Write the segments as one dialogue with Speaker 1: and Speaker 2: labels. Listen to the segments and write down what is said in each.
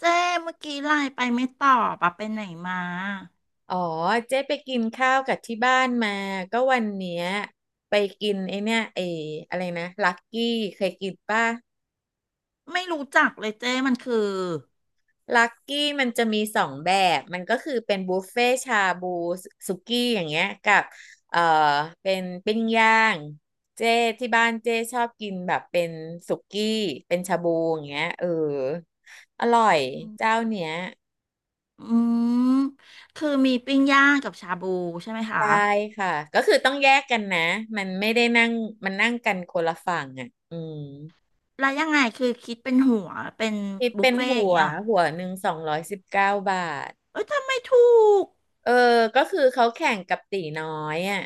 Speaker 1: เจ้เมื่อกี้ไลน์ไปไม่ตอบอะไปไหนมา
Speaker 2: อ๋อเจ๊ไปกินข้าวกับที่บ้านมาก็วันเนี้ยไปกินไอเนี่ยไออะไรนะลักกี้เคยกินป่ะ
Speaker 1: ไม่รู้จักเลยเจ้มันคือ
Speaker 2: ลักกี้มันจะมีสองแบบมันก็คือเป็นบุฟเฟ่ชาบูสุกี้อย่างเงี้ยกับเอ่อเป็นปิ้งย่างเจ๊ที่บ้านเจ๊ชอบกินแบบเป็นสุกี้เป็นชาบูอย่างเงี้ยเอออร่อยเจ้าเนี้ย
Speaker 1: อืมคือมีปิ้งย่างกับชาบูใช่ไหมคะ
Speaker 2: ได้ค่ะก็คือต้องแยกกันนะมันไม่ได้นั่งมันนั่งกันคนละฝั่งอ่ะอืม
Speaker 1: แล้วยังไงคือคิดเป็นหัวเป็น
Speaker 2: คิด
Speaker 1: บุ
Speaker 2: เป็
Speaker 1: ฟ
Speaker 2: น
Speaker 1: เฟ่ต์
Speaker 2: หั
Speaker 1: อย่าง
Speaker 2: ว
Speaker 1: เงี้ยเหรอ
Speaker 2: หัวหนึ่ง219 บาท
Speaker 1: เอ้ยทำไมถูก
Speaker 2: เออก็คือเขาแข่งกับตีน้อยอ่ะ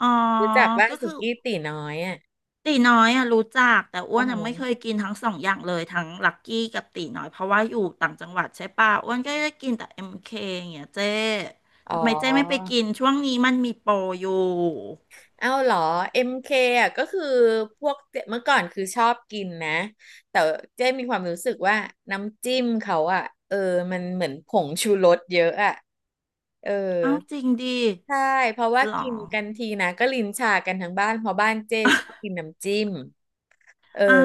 Speaker 1: อ๋อ
Speaker 2: รู้จักว่า
Speaker 1: ก็
Speaker 2: สุ
Speaker 1: คือ
Speaker 2: กี้ตีน้อยอ่ะ
Speaker 1: ตีน้อยอะรู้จักแต่อ้ว
Speaker 2: ว่า
Speaker 1: น
Speaker 2: ฮ
Speaker 1: อะ
Speaker 2: ห
Speaker 1: ไม่เคยกินทั้งสองอย่างเลยทั้งลักกี้กับตีน้อยเพราะว่าอยู่ต่างจังหวัดใช่ป่ะอ้วนก็ได้กินแต่เอ็มเคอย่างเงี้ยเจ้
Speaker 2: อ๋
Speaker 1: ทำไมเจ้ไม่ไป
Speaker 2: อ
Speaker 1: กินช่วงนี้มันมีโปรอยู่
Speaker 2: เอ้าเหรอ MK อมเคอ่ะก็คือพวกเจ๊เมื่อก่อนคือชอบกินนะ แต่เจ๊มีความรู้สึกว่าน้ำจิ้มเขาอ่ะเออมันเหมือนผงชูรสเยอะอ่ะเออ
Speaker 1: เอ้าจริงดิ
Speaker 2: ใช่ เพราะว่า
Speaker 1: หรอ
Speaker 2: กินกันทีนะก็ลิ้นชากันทั้งบ้านเพราะบ้านเจ๊ชอบกินน้ำจิ้ม เออ
Speaker 1: อ่า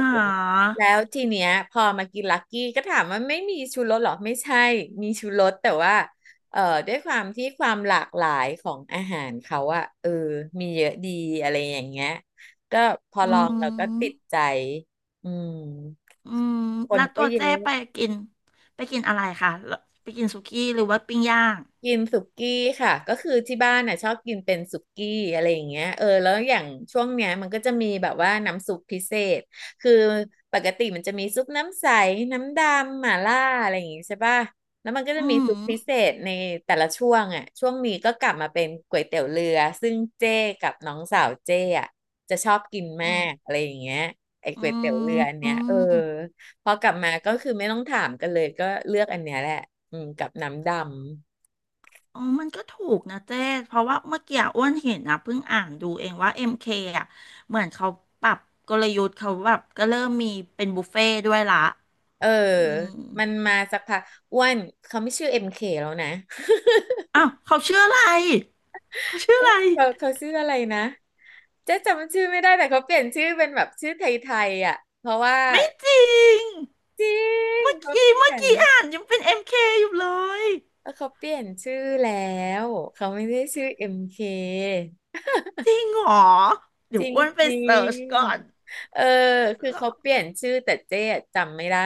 Speaker 2: แล้วทีเนี้ยพอมากินลักกี้ก็ถามว่าไม่มีชูรสเหรอไม่ใช่มีชูรสแต่ว่าเอ่อด้วยความที่ความหลากหลายของอาหารเขาอะเออมีเยอะดีอะไรอย่างเงี้ยก็พอ
Speaker 1: อื
Speaker 2: ลองเราก็ติด
Speaker 1: ม
Speaker 2: ใจอืม
Speaker 1: อืม
Speaker 2: คน
Speaker 1: แล้ว
Speaker 2: ก็
Speaker 1: ตัว
Speaker 2: เยอ
Speaker 1: เจ๊
Speaker 2: ะ
Speaker 1: ไปกินไปกินอะไรคะแล้วไปกินสุกี้หรือว่าปิ้งย่าง
Speaker 2: กินสุกี้ค่ะก็คือที่บ้านน่ะชอบกินเป็นสุกี้อะไรอย่างเงี้ยเออแล้วอย่างช่วงเนี้ยมันก็จะมีแบบว่าน้ำซุปพิเศษคือปกติมันจะมีซุปน้ำใสน้ำดำหม่าล่าอะไรอย่างงี้ใช่ป่ะแล้วมันก็จะ
Speaker 1: อื
Speaker 2: มี
Speaker 1: ม
Speaker 2: ซุปพิเศษในแต่ละช่วงอ่ะช่วงนี้ก็กลับมาเป็นก๋วยเตี๋ยวเรือซึ่งเจ้กับน้องสาวเจ้อ่ะจะชอบกิน
Speaker 1: อื
Speaker 2: มา
Speaker 1: ม
Speaker 2: กอะไรอย่างเงี้ยไอ้
Speaker 1: อื
Speaker 2: ก๋วยเตี๋ยวเรื
Speaker 1: ม
Speaker 2: ออัน
Speaker 1: อื
Speaker 2: เนี้ยเออ
Speaker 1: ม
Speaker 2: พอกลับมาก็คือไม่ต้องถามกันเลยก็เลือกอันเนี้ยแหละอืมกับน้ำดำ
Speaker 1: อ๋อมันก็ถูกนะเจ๊เพราะว่าเมื่อกี้อ้วนเห็นนะเพิ่งอ่านดูเองว่าเอ็มเคอ่ะเหมือนเขาปรับกลยุทธ์เขาแบบก็เริ่มมีเป็นบุฟเฟ่ต์ด้วยละ
Speaker 2: เออ
Speaker 1: อืม
Speaker 2: มันมาสักพักอ้วนเขาไม่ชื่อเอ็มเคแล้วนะ
Speaker 1: อ้าวเขาชื่ออะไรเขาชื่ออะไร
Speaker 2: เขาชื่ออะไรนะเจ๊จำชื่อไม่ได้แต่เขาเปลี่ยนชื่อเป็นแบบชื่อไทยๆอ่ะเพราะว่า
Speaker 1: ไม่จริง
Speaker 2: จริง
Speaker 1: เมื่อ
Speaker 2: เขา
Speaker 1: กี้
Speaker 2: เปลี่
Speaker 1: เมื่
Speaker 2: ย
Speaker 1: อ
Speaker 2: น
Speaker 1: กี้อ่านยังเป็น MK อมเคอยู่เลย
Speaker 2: เออเขาเปลี่ยนชื่อแล้วเขาไม่ได้ชื่อเอ็มเค
Speaker 1: จริงเหรอเดี๋
Speaker 2: จ
Speaker 1: ยว
Speaker 2: ริง
Speaker 1: อ้วนไป
Speaker 2: จริ
Speaker 1: เสิ
Speaker 2: ง
Speaker 1: ร์ชก่อน
Speaker 2: เออคือ
Speaker 1: แล้ว
Speaker 2: เขาเปลี่ยนชื่อแต่เจ๊อะจำไม่ได้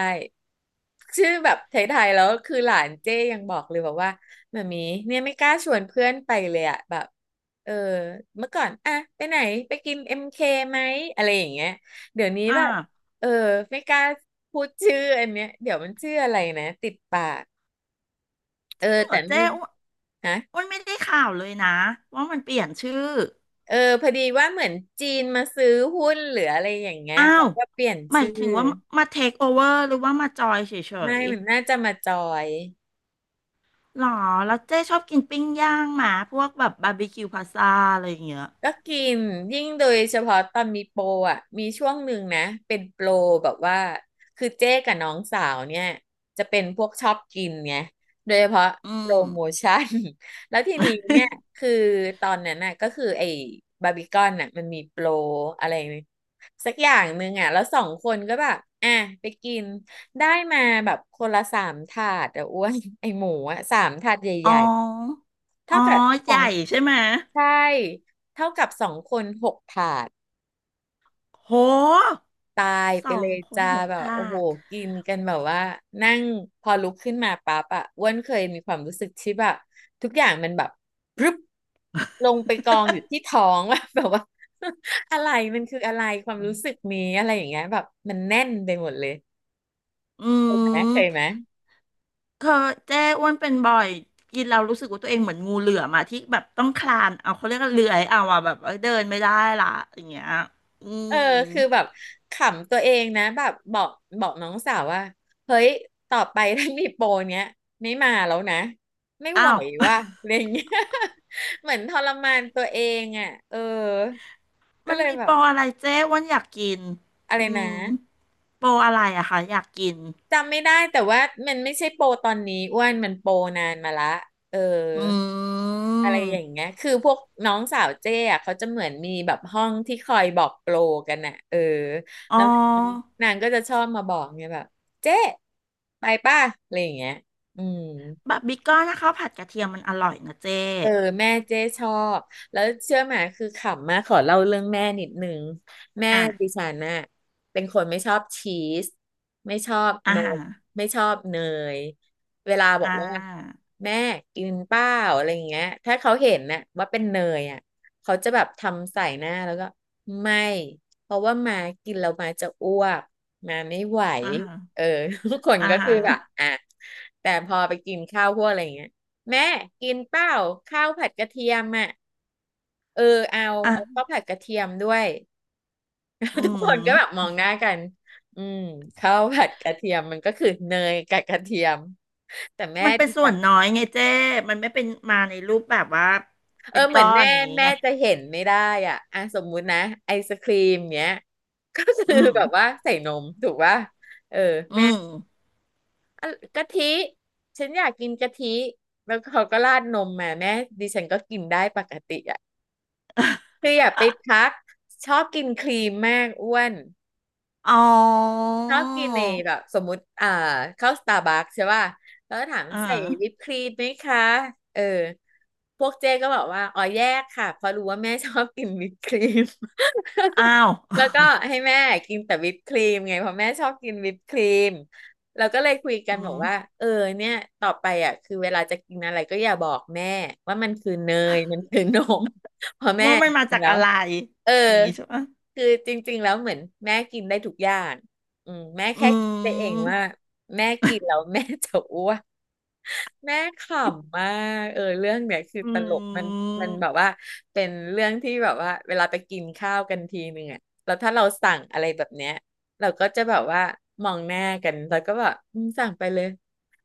Speaker 2: ชื่อแบบไทยๆแล้วคือหลานเจ๊ยังบอกเลยบอกว่ามามีเนี่ยไม่กล้าชวนเพื่อนไปเลยอะแบบเออเมื่อก่อนอะไปไหนไปกินเอ็มเคไหมอะไรอย่างเงี้ยเดี๋ยวนี้
Speaker 1: อ่า
Speaker 2: แบบเออไม่กล้าพูดชื่ออันเนี้ยเดี๋ยวมันชื่ออะไรนะติดปากเอ
Speaker 1: จ
Speaker 2: อ
Speaker 1: ริงเหร
Speaker 2: แต่
Speaker 1: อ
Speaker 2: นั่
Speaker 1: เจ้
Speaker 2: น
Speaker 1: อ้วน
Speaker 2: ฮะ
Speaker 1: อ้วนไม่ได้ข่าวเลยนะว่ามันเปลี่ยนชื่อ
Speaker 2: เออพอดีว่าเหมือนจีนมาซื้อหุ้นหรืออะไรอย่างเงี้ย
Speaker 1: อ้า
Speaker 2: แล้
Speaker 1: ว
Speaker 2: วก็เปลี่ยน
Speaker 1: หมาย
Speaker 2: ชื่อ
Speaker 1: ถึงว่ามาเทคโอเวอร์หรือว่ามาจอยเฉ
Speaker 2: ไม่
Speaker 1: ย
Speaker 2: มันน่าจะมาจอย
Speaker 1: ๆหรอแล้วเจ้ชอบกินปิ้งย่างหมาพวกแบบบาร์บีคิวพาซาอะไรอย่างเงี้ย
Speaker 2: ก็กินยิ่งโดยเฉพาะตอนมีโปรอ่ะมีช่วงหนึ่งนะเป็นโปรแบบว่าคือเจ๊กับน้องสาวเนี่ยจะเป็นพวกชอบกินไงโดยเฉพาะ
Speaker 1: อื
Speaker 2: โป
Speaker 1: ม
Speaker 2: รโมชั่น แล้วทีนี้เนี่ยคือตอนนั้นน่ะก็คือไอ้บาร์บีคอนน่ะมันมีโปรอะไรสักอย่างหนึ่งอ่ะแล้วสองคนก็แบบอ่ะไปกินได้มาแบบคนละสามถาดอ่ะอ้วนไอ้หมูอ่ะสามถาดให
Speaker 1: อ๋
Speaker 2: ญ่ๆ
Speaker 1: ออ๋
Speaker 2: เท่า
Speaker 1: อ
Speaker 2: กับข
Speaker 1: ให
Speaker 2: อ
Speaker 1: ญ่
Speaker 2: ง
Speaker 1: ใช่ไหม
Speaker 2: ใช่เท่ากับสองคนหกถาด
Speaker 1: โห
Speaker 2: ตาย
Speaker 1: ส
Speaker 2: ไป
Speaker 1: อ
Speaker 2: เล
Speaker 1: ง
Speaker 2: ย
Speaker 1: คน
Speaker 2: จ้า
Speaker 1: หก
Speaker 2: แบบ
Speaker 1: ถ
Speaker 2: โอ้
Speaker 1: า
Speaker 2: โห
Speaker 1: ด
Speaker 2: กินกันแบบว่านั่งพอลุกขึ้นมาปั๊บอะอ้วนเคยมีความรู้สึกที่แบบทุกอย่างมันแบบพรึบลงไปกองอยู่ที่ท้อง ว่าแบบว่า อะไรมันคืออะไรความรู้สึก นี้อะไรอย่างเงี้ยแบบมันแน่นไปหมดเลย
Speaker 1: อื
Speaker 2: นะเค
Speaker 1: ม
Speaker 2: ยไหม
Speaker 1: เคยเจ๊อ้วนเป็นบ่อยกินแล้วรู้สึกว่าตัวเองเหมือนงูเหลือมอะที่แบบต้องคลานเอาเขาเรียกว่าเลื้อยเอาอะแบบเอ้ยเดินไม่ได้ละอย่างเงี้ยอื
Speaker 2: เอ
Speaker 1: ม
Speaker 2: อคือแบบขำตัวเองนะแบบบอกน้องสาวว่าเฮ้ยต่อไปถ้ามีโปรเนี้ยไม่มาแล้วนะไม่
Speaker 1: อ้า
Speaker 2: ไหว
Speaker 1: ว
Speaker 2: ว่ะ อะไรอย่างเงี้ย เหมือนทรมานตัวเองอ่ะเออก็
Speaker 1: มัน
Speaker 2: เลย
Speaker 1: มี
Speaker 2: แบ
Speaker 1: โป
Speaker 2: บ
Speaker 1: รอะไรเจ๊อ้วนอยากกิน
Speaker 2: อะไร
Speaker 1: อื
Speaker 2: นะ
Speaker 1: มโปรอะไรอะคะอยากกิน
Speaker 2: จำไม่ได้แต่ว่ามันไม่ใช่โปรตอนนี้อ้วนมันโปรนานมาละเออ
Speaker 1: อืม
Speaker 2: อะไรอย่างเงี้ยคือพวกน้องสาวเจ้อะเขาจะเหมือนมีแบบห้องที่คอยบอกโปรกันน่ะเออ
Speaker 1: อ๋อ
Speaker 2: แล้วนางก็จะชอบมาบอกไงแบบเจ้ไปป่ะอะไรอย่างเงี้ยอืม
Speaker 1: บะบิกก้อนนะคะผัดกระเทียมมันอร่อยนะเจ๊
Speaker 2: เออแม่เจ๊ชอบแล้วเชื่อไหมคือขำมากขอเล่าเรื่องแม่นิดนึงแม่
Speaker 1: อ่ะ
Speaker 2: ดิฉันน่ะเป็นคนไม่ชอบชีสไม่ชอบ
Speaker 1: อา
Speaker 2: น
Speaker 1: หา
Speaker 2: ม
Speaker 1: ฮะ
Speaker 2: ไม่ชอบเนยเวลาบอ
Speaker 1: อ่า
Speaker 2: กว่า
Speaker 1: ฮะ
Speaker 2: แม่กินเปล่าอะไรอย่างเงี้ยถ้าเขาเห็นน่ะว่าเป็นเนยอ่ะเขาจะแบบทำใส่หน้าแล้วก็ไม่เพราะว่ามากินแล้วมาจะอ้วกมาไม่ไหว
Speaker 1: อ่าฮะ
Speaker 2: เออ ทุกคน
Speaker 1: อ่า
Speaker 2: ก็คื
Speaker 1: ฮะ
Speaker 2: อแบบอ่ะแต่พอไปกินข้าวพวกอะไรอย่างเงี้ย แม่กินเปล่าข้าวผัดกระเทียมอ่ะเออเอาเอา
Speaker 1: อ่ะ
Speaker 2: ข้าวผัดกระเทียมด้วย
Speaker 1: อื
Speaker 2: ทุกคนก็แบบม
Speaker 1: ม
Speaker 2: องหน้ากันอืมข้าวผัดกระเทียมมันก็คือเนยกับกระเทียมแต่แม่
Speaker 1: มันเป็น
Speaker 2: ดิ
Speaker 1: ส่
Speaker 2: ฉั
Speaker 1: วน
Speaker 2: น
Speaker 1: น้อยไงเจ้มันไม่เป็นมาในรูปแบบว่า
Speaker 2: เอ
Speaker 1: เป็
Speaker 2: อ
Speaker 1: น
Speaker 2: เหมื
Speaker 1: ก้
Speaker 2: อ
Speaker 1: อ
Speaker 2: น
Speaker 1: น
Speaker 2: แม่
Speaker 1: อย่างนี้
Speaker 2: แม่
Speaker 1: ไง
Speaker 2: จะเห็นไม่ได้อ่ะอ่ะสมมุตินะไอศครีมเนี้ยก็
Speaker 1: อื
Speaker 2: คือแบบว่า
Speaker 1: ม
Speaker 2: ใส่นมถูกป่ะเออ
Speaker 1: อื
Speaker 2: แม่
Speaker 1: ม
Speaker 2: อ่ะกะทิฉันอยากกินกะทิแล้วเขาก็ราดนมมาแม่ดิฉันก็กินได้ปกติอ่ะ คืออย่าไปทักชอบกินครีมมากอ้วน
Speaker 1: อ๋อ
Speaker 2: ชอบกินในแบบสมมุติเข้าสตาร์บัคใช่ป่ะแล้วก็ถาม
Speaker 1: อ่า
Speaker 2: ใส่วิปครีมไหมคะเออพวกเจ๊ก็บอกว่าอ๋อแยกค่ะเพราะรู้ว่าแม่ชอบกินวิปครีม
Speaker 1: อ้าว
Speaker 2: แล้วก็ให้แม่กินแต่วิปครีมไงเพราะแม่ชอบกินวิปครีมเราก็เลยคุย กั
Speaker 1: อื
Speaker 2: นบอก
Speaker 1: ม
Speaker 2: ว่าเออเนี่ยต่อไปอ่ะคือเวลาจะกินอะไรก็อย่าบอกแม่ว่ามันคือเนยมันคือ นม
Speaker 1: ว่ามันมา
Speaker 2: จริง
Speaker 1: จาก
Speaker 2: แล้
Speaker 1: อะ
Speaker 2: ว
Speaker 1: ไร
Speaker 2: เออ
Speaker 1: อย่างนี้ใช่ปะ
Speaker 2: คือจริงๆแล้วเหมือนแม่กินได้ทุกอย่างอืมแม่
Speaker 1: อื
Speaker 2: แค่คิดไปเอง
Speaker 1: ม
Speaker 2: ว่าแม่กินแล้ว แม่จะอ้วนแม่ขำมากเออเรื่องเนี้ยคือ
Speaker 1: อื
Speaker 2: ตลกมัน
Speaker 1: ม
Speaker 2: มันแบบว่าเป็นเรื่องที่แบบว่าเวลาไปกินข้าวกันทีนึงอะแล้วถ้าเราสั่งอะไรแบบเนี้ยเราก็จะแบบว่ามองหน้ากันแล้วก็แบบอืมสั่งไปเลย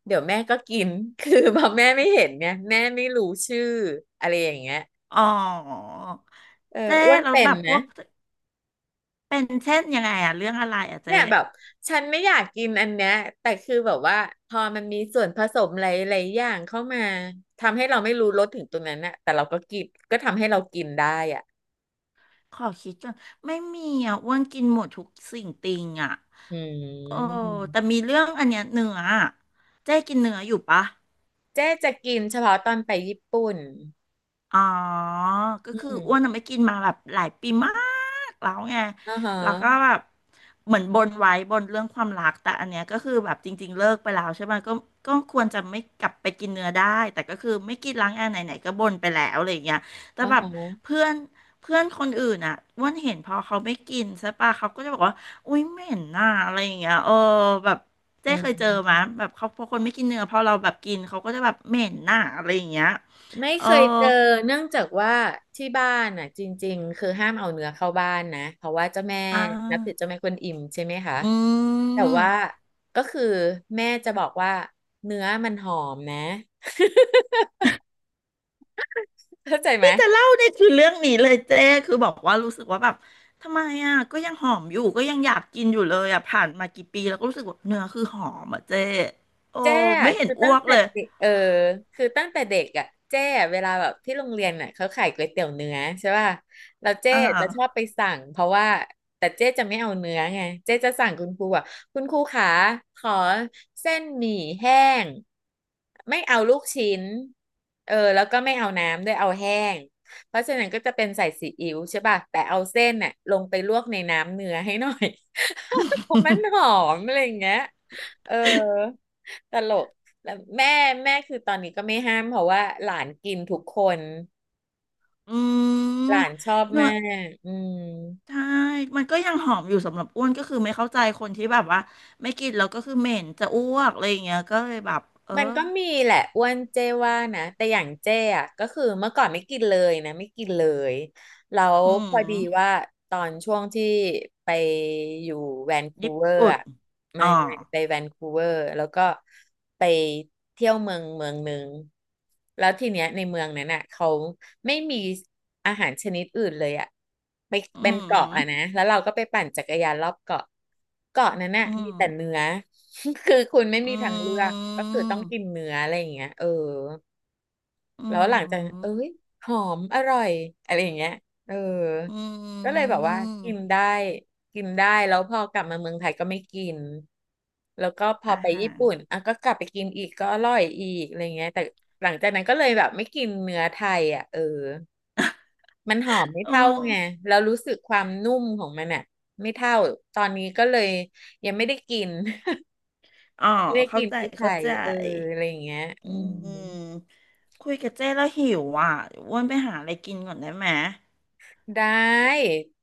Speaker 2: เดี๋ยวแม่ก็กิน คือพอแม่ไม่เห็นเนี่ยแม่ไม่รู้ชื่ออะไรอย่างเงี้ย
Speaker 1: อ๋อ
Speaker 2: เออ
Speaker 1: เจ๊
Speaker 2: อ้วน
Speaker 1: เราแล้ว
Speaker 2: เป็
Speaker 1: แบ
Speaker 2: น
Speaker 1: บพ
Speaker 2: นะ
Speaker 1: วกเป็นเช่นยังไงอะเรื่องอะไรอะเจ๊
Speaker 2: เนี่ยแบบฉันไม่อยากกินอันเนี้ยแต่คือแบบว่าพอมันมีส่วนผสมหลายๆอย่างเข้ามาทำให้เราไม่รู้รสถึงตรงนั้นน่ะแต่เราก็กินก็ทำให้เรากินได้อ่ะ
Speaker 1: ขอคิดก่อนไม่มีอะอ้วนกินหมดทุกสิ่งติงอะ
Speaker 2: อื
Speaker 1: โอ้
Speaker 2: ม
Speaker 1: แต่มีเรื่องอันเนี้ยเนื้ออะเจ๊กินเนื้ออยู่ปะ
Speaker 2: เจ๊จะกินเฉพาะตอนไปญี่ปุ่น
Speaker 1: อ๋อ ก็
Speaker 2: อื
Speaker 1: คืออ้วน
Speaker 2: ม
Speaker 1: น่ะไม่กินมาแบบหลายปีมากแล้วไง
Speaker 2: อ่าฮะ
Speaker 1: แล้วก็แบบเหมือนบนไว้บนเรื่องความรักแต่อันเนี้ยก็คือแบบจริงๆเลิกไปแล้วใช่ไหมก็ก็ควรจะไม่กลับไปกินเนื้อได้แต่ก็คือไม่กินล้างแอร์ไหนๆก็บ่นไปแล้วอะไรอย่างเงี้ยแต่
Speaker 2: อ่า
Speaker 1: แบบ
Speaker 2: ฮะ
Speaker 1: เพื่อนเพื่อนคนอื่นอ่ะอ้วนเห็นพอเขาไม่กินใช่ปะเขาก็จะบอกว่าอุ้ยเหม็นน่ะอะไรอย่างเงี้ยเออแบบเจ๊
Speaker 2: อื
Speaker 1: เคยเจอมา
Speaker 2: ม
Speaker 1: แบบเขาพอคนไม่กินเนื้อพอเราแบบกินเขาก็จะแบบเหม็นน่ะอะไรอย่างเงี้ย
Speaker 2: ไม่
Speaker 1: เออ
Speaker 2: เคยเจอเนื่องจากว่าที่บ้านน่ะจริงๆคือห้ามเอาเนื้อเข้าบ้านนะเพราะว่าเจ้าแม่
Speaker 1: อ่
Speaker 2: นับถือเจ้า
Speaker 1: า
Speaker 2: แม่กวนอิมใช่ไหมคะ
Speaker 1: อื
Speaker 2: แต่ว่า
Speaker 1: ม
Speaker 2: ก็คือแม่จะบอกว่าเนื้อมันหอมนะ เข้าใจไหม
Speaker 1: ที่จะเล่าเนี่ยคือเรื่องนี้เลยเจ้คือบอกว่ารู้สึกว่าแบบทำไมอ่ะก็ยังหอมอยู่ก็ยังอยากกินอยู่เลยอ่ะผ่านมากี่ปีแล้วก็รู้สึกว่าเนื้อคือหอมอ่ะเจ้โอ้
Speaker 2: แจ้
Speaker 1: ไม่เห็น
Speaker 2: คือ
Speaker 1: อ้
Speaker 2: ตั้
Speaker 1: ว
Speaker 2: ง
Speaker 1: ก
Speaker 2: แต่
Speaker 1: เลย
Speaker 2: เด็กเออคือตั้งแต่เด็กอ่ะแจ้เวลาแบบที่โรงเรียนน่ะเขาขายก๋วยเตี๋ยวเนื้อใช่ป่ะแล้วเจ้
Speaker 1: อ่า
Speaker 2: จะชอบไปสั่งเพราะว่าแต่เจ้จะไม่เอาเนื้อไงเจ้จะสั่งคุณครูอ่ะคุณครูขาขอเส้นหมี่แห้งไม่เอาลูกชิ้นเออแล้วก็ไม่เอาน้ำด้วยเอาแห้งเพราะฉะนั้นก็จะเป็นใส่ซีอิ๊วใช่ป่ะแต่เอาเส้นน่ะลงไปลวกในน้ำเนื้อให้หน่อย เพราะมันหอ มอะไรอย่างเงี้ยเออ ตลกแล้วแม่แม่คือตอนนี้ก็ไม่ห้ามเพราะว่าหลานกินทุกคน
Speaker 1: อื
Speaker 2: ห
Speaker 1: ม
Speaker 2: ลานชอบ
Speaker 1: เนื้อ
Speaker 2: มากอืม
Speaker 1: ใช่มันก็ยังหอมอยู่สำหรับอ้วนก็คือไม่เข้าใจคนที่แบบว่าไม่กินแล้วก็คือเหม็นจะอ้วกอะไรอย่างเงี้ยก็เลยแบบเออ
Speaker 2: มันก็มีแหละอ้วนเจ้ว่านะแต่อย่างเจ้อะก็คือเมื่อก่อนไม่กินเลยนะไม่กินเลยแล้ว
Speaker 1: อื
Speaker 2: พอดี
Speaker 1: ม
Speaker 2: ว่าตอนช่วงที่ไปอยู่แวนคู
Speaker 1: ญี่
Speaker 2: เวอร์
Speaker 1: ปุ่น
Speaker 2: อะ ไม่
Speaker 1: อ๋อ
Speaker 2: ไม่ไปแวนคูเวอร์แล้วก็ไปเที่ยวเมืองหนึ่งแล้วทีเนี้ยในเมืองนั้นน่ะเขาไม่มีอาหารชนิดอื่นเลยอะไป
Speaker 1: อื
Speaker 2: เป็นเกาะ
Speaker 1: ม
Speaker 2: อะนะแล้วเราก็ไปปั่นจักรยานรอบเกาะเกาะนั้นน่ะ
Speaker 1: อื
Speaker 2: มีแต่เนื้
Speaker 1: ม
Speaker 2: อ คือคุณไม่มี
Speaker 1: อื
Speaker 2: ทางเลือกก็
Speaker 1: ม
Speaker 2: คือต้องกินเนื้ออะไรอย่างเงี้ยเออ
Speaker 1: อื
Speaker 2: แล้วหลังจากนั้นเอ้
Speaker 1: ม
Speaker 2: ยหอมอร่อยอะไรอย่างเงี้ยเออ
Speaker 1: อื
Speaker 2: ก็เลยแบบว่ากิน
Speaker 1: ม
Speaker 2: ได้กินได้แล้วพอกลับมาเมืองไทยก็ไม่กินแล้วก็พอ
Speaker 1: อา
Speaker 2: ไป
Speaker 1: หา
Speaker 2: ญี่
Speaker 1: ร
Speaker 2: ปุ่นอ่ะก็กลับไปกินอีกก็อร่อยอีกอะไรเงี้ยแต่หลังจากนั้นก็เลยแบบไม่กินเนื้อไทยอ่ะเออมันหอมไม่
Speaker 1: โอ
Speaker 2: เท่าไง
Speaker 1: ้
Speaker 2: แล้วรู้สึกความนุ่มของมันอ่ะไม่เท่าตอนนี้ก็เลยยังไม่ได้กิน
Speaker 1: อ๋ อ
Speaker 2: ไม่ได้
Speaker 1: เข้า
Speaker 2: กิน
Speaker 1: ใจ
Speaker 2: ที่ไท
Speaker 1: เข้า
Speaker 2: ย
Speaker 1: ใจ
Speaker 2: เอออะไรอย่างเงี้ยอื
Speaker 1: อื
Speaker 2: ม
Speaker 1: มคุยกับเจ้แล้วหิวอ่ะเดี๋ยวอ้วนไปหาอะไรกินก่อนได้ไหม
Speaker 2: ได้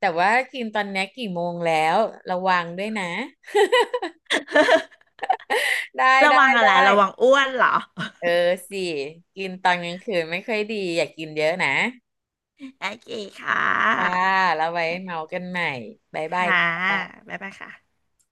Speaker 2: แต่ว่ากินตอนนี้กี่โมงแล้วระวังด้วยนะได้
Speaker 1: ระ
Speaker 2: ได้
Speaker 1: วังอะไร
Speaker 2: ได้
Speaker 1: ระวังอ้วนเหรอ
Speaker 2: เออสิกินตอนกลางคืนไม่ค่อยดีอย่ากินเยอะนะ
Speaker 1: โอเคค่
Speaker 2: จ้า
Speaker 1: ะ
Speaker 2: แล้วไว้เมากันใหม่บ๊ายบาย
Speaker 1: ค่ะ
Speaker 2: จ้า
Speaker 1: บ๊ายบายค่ะ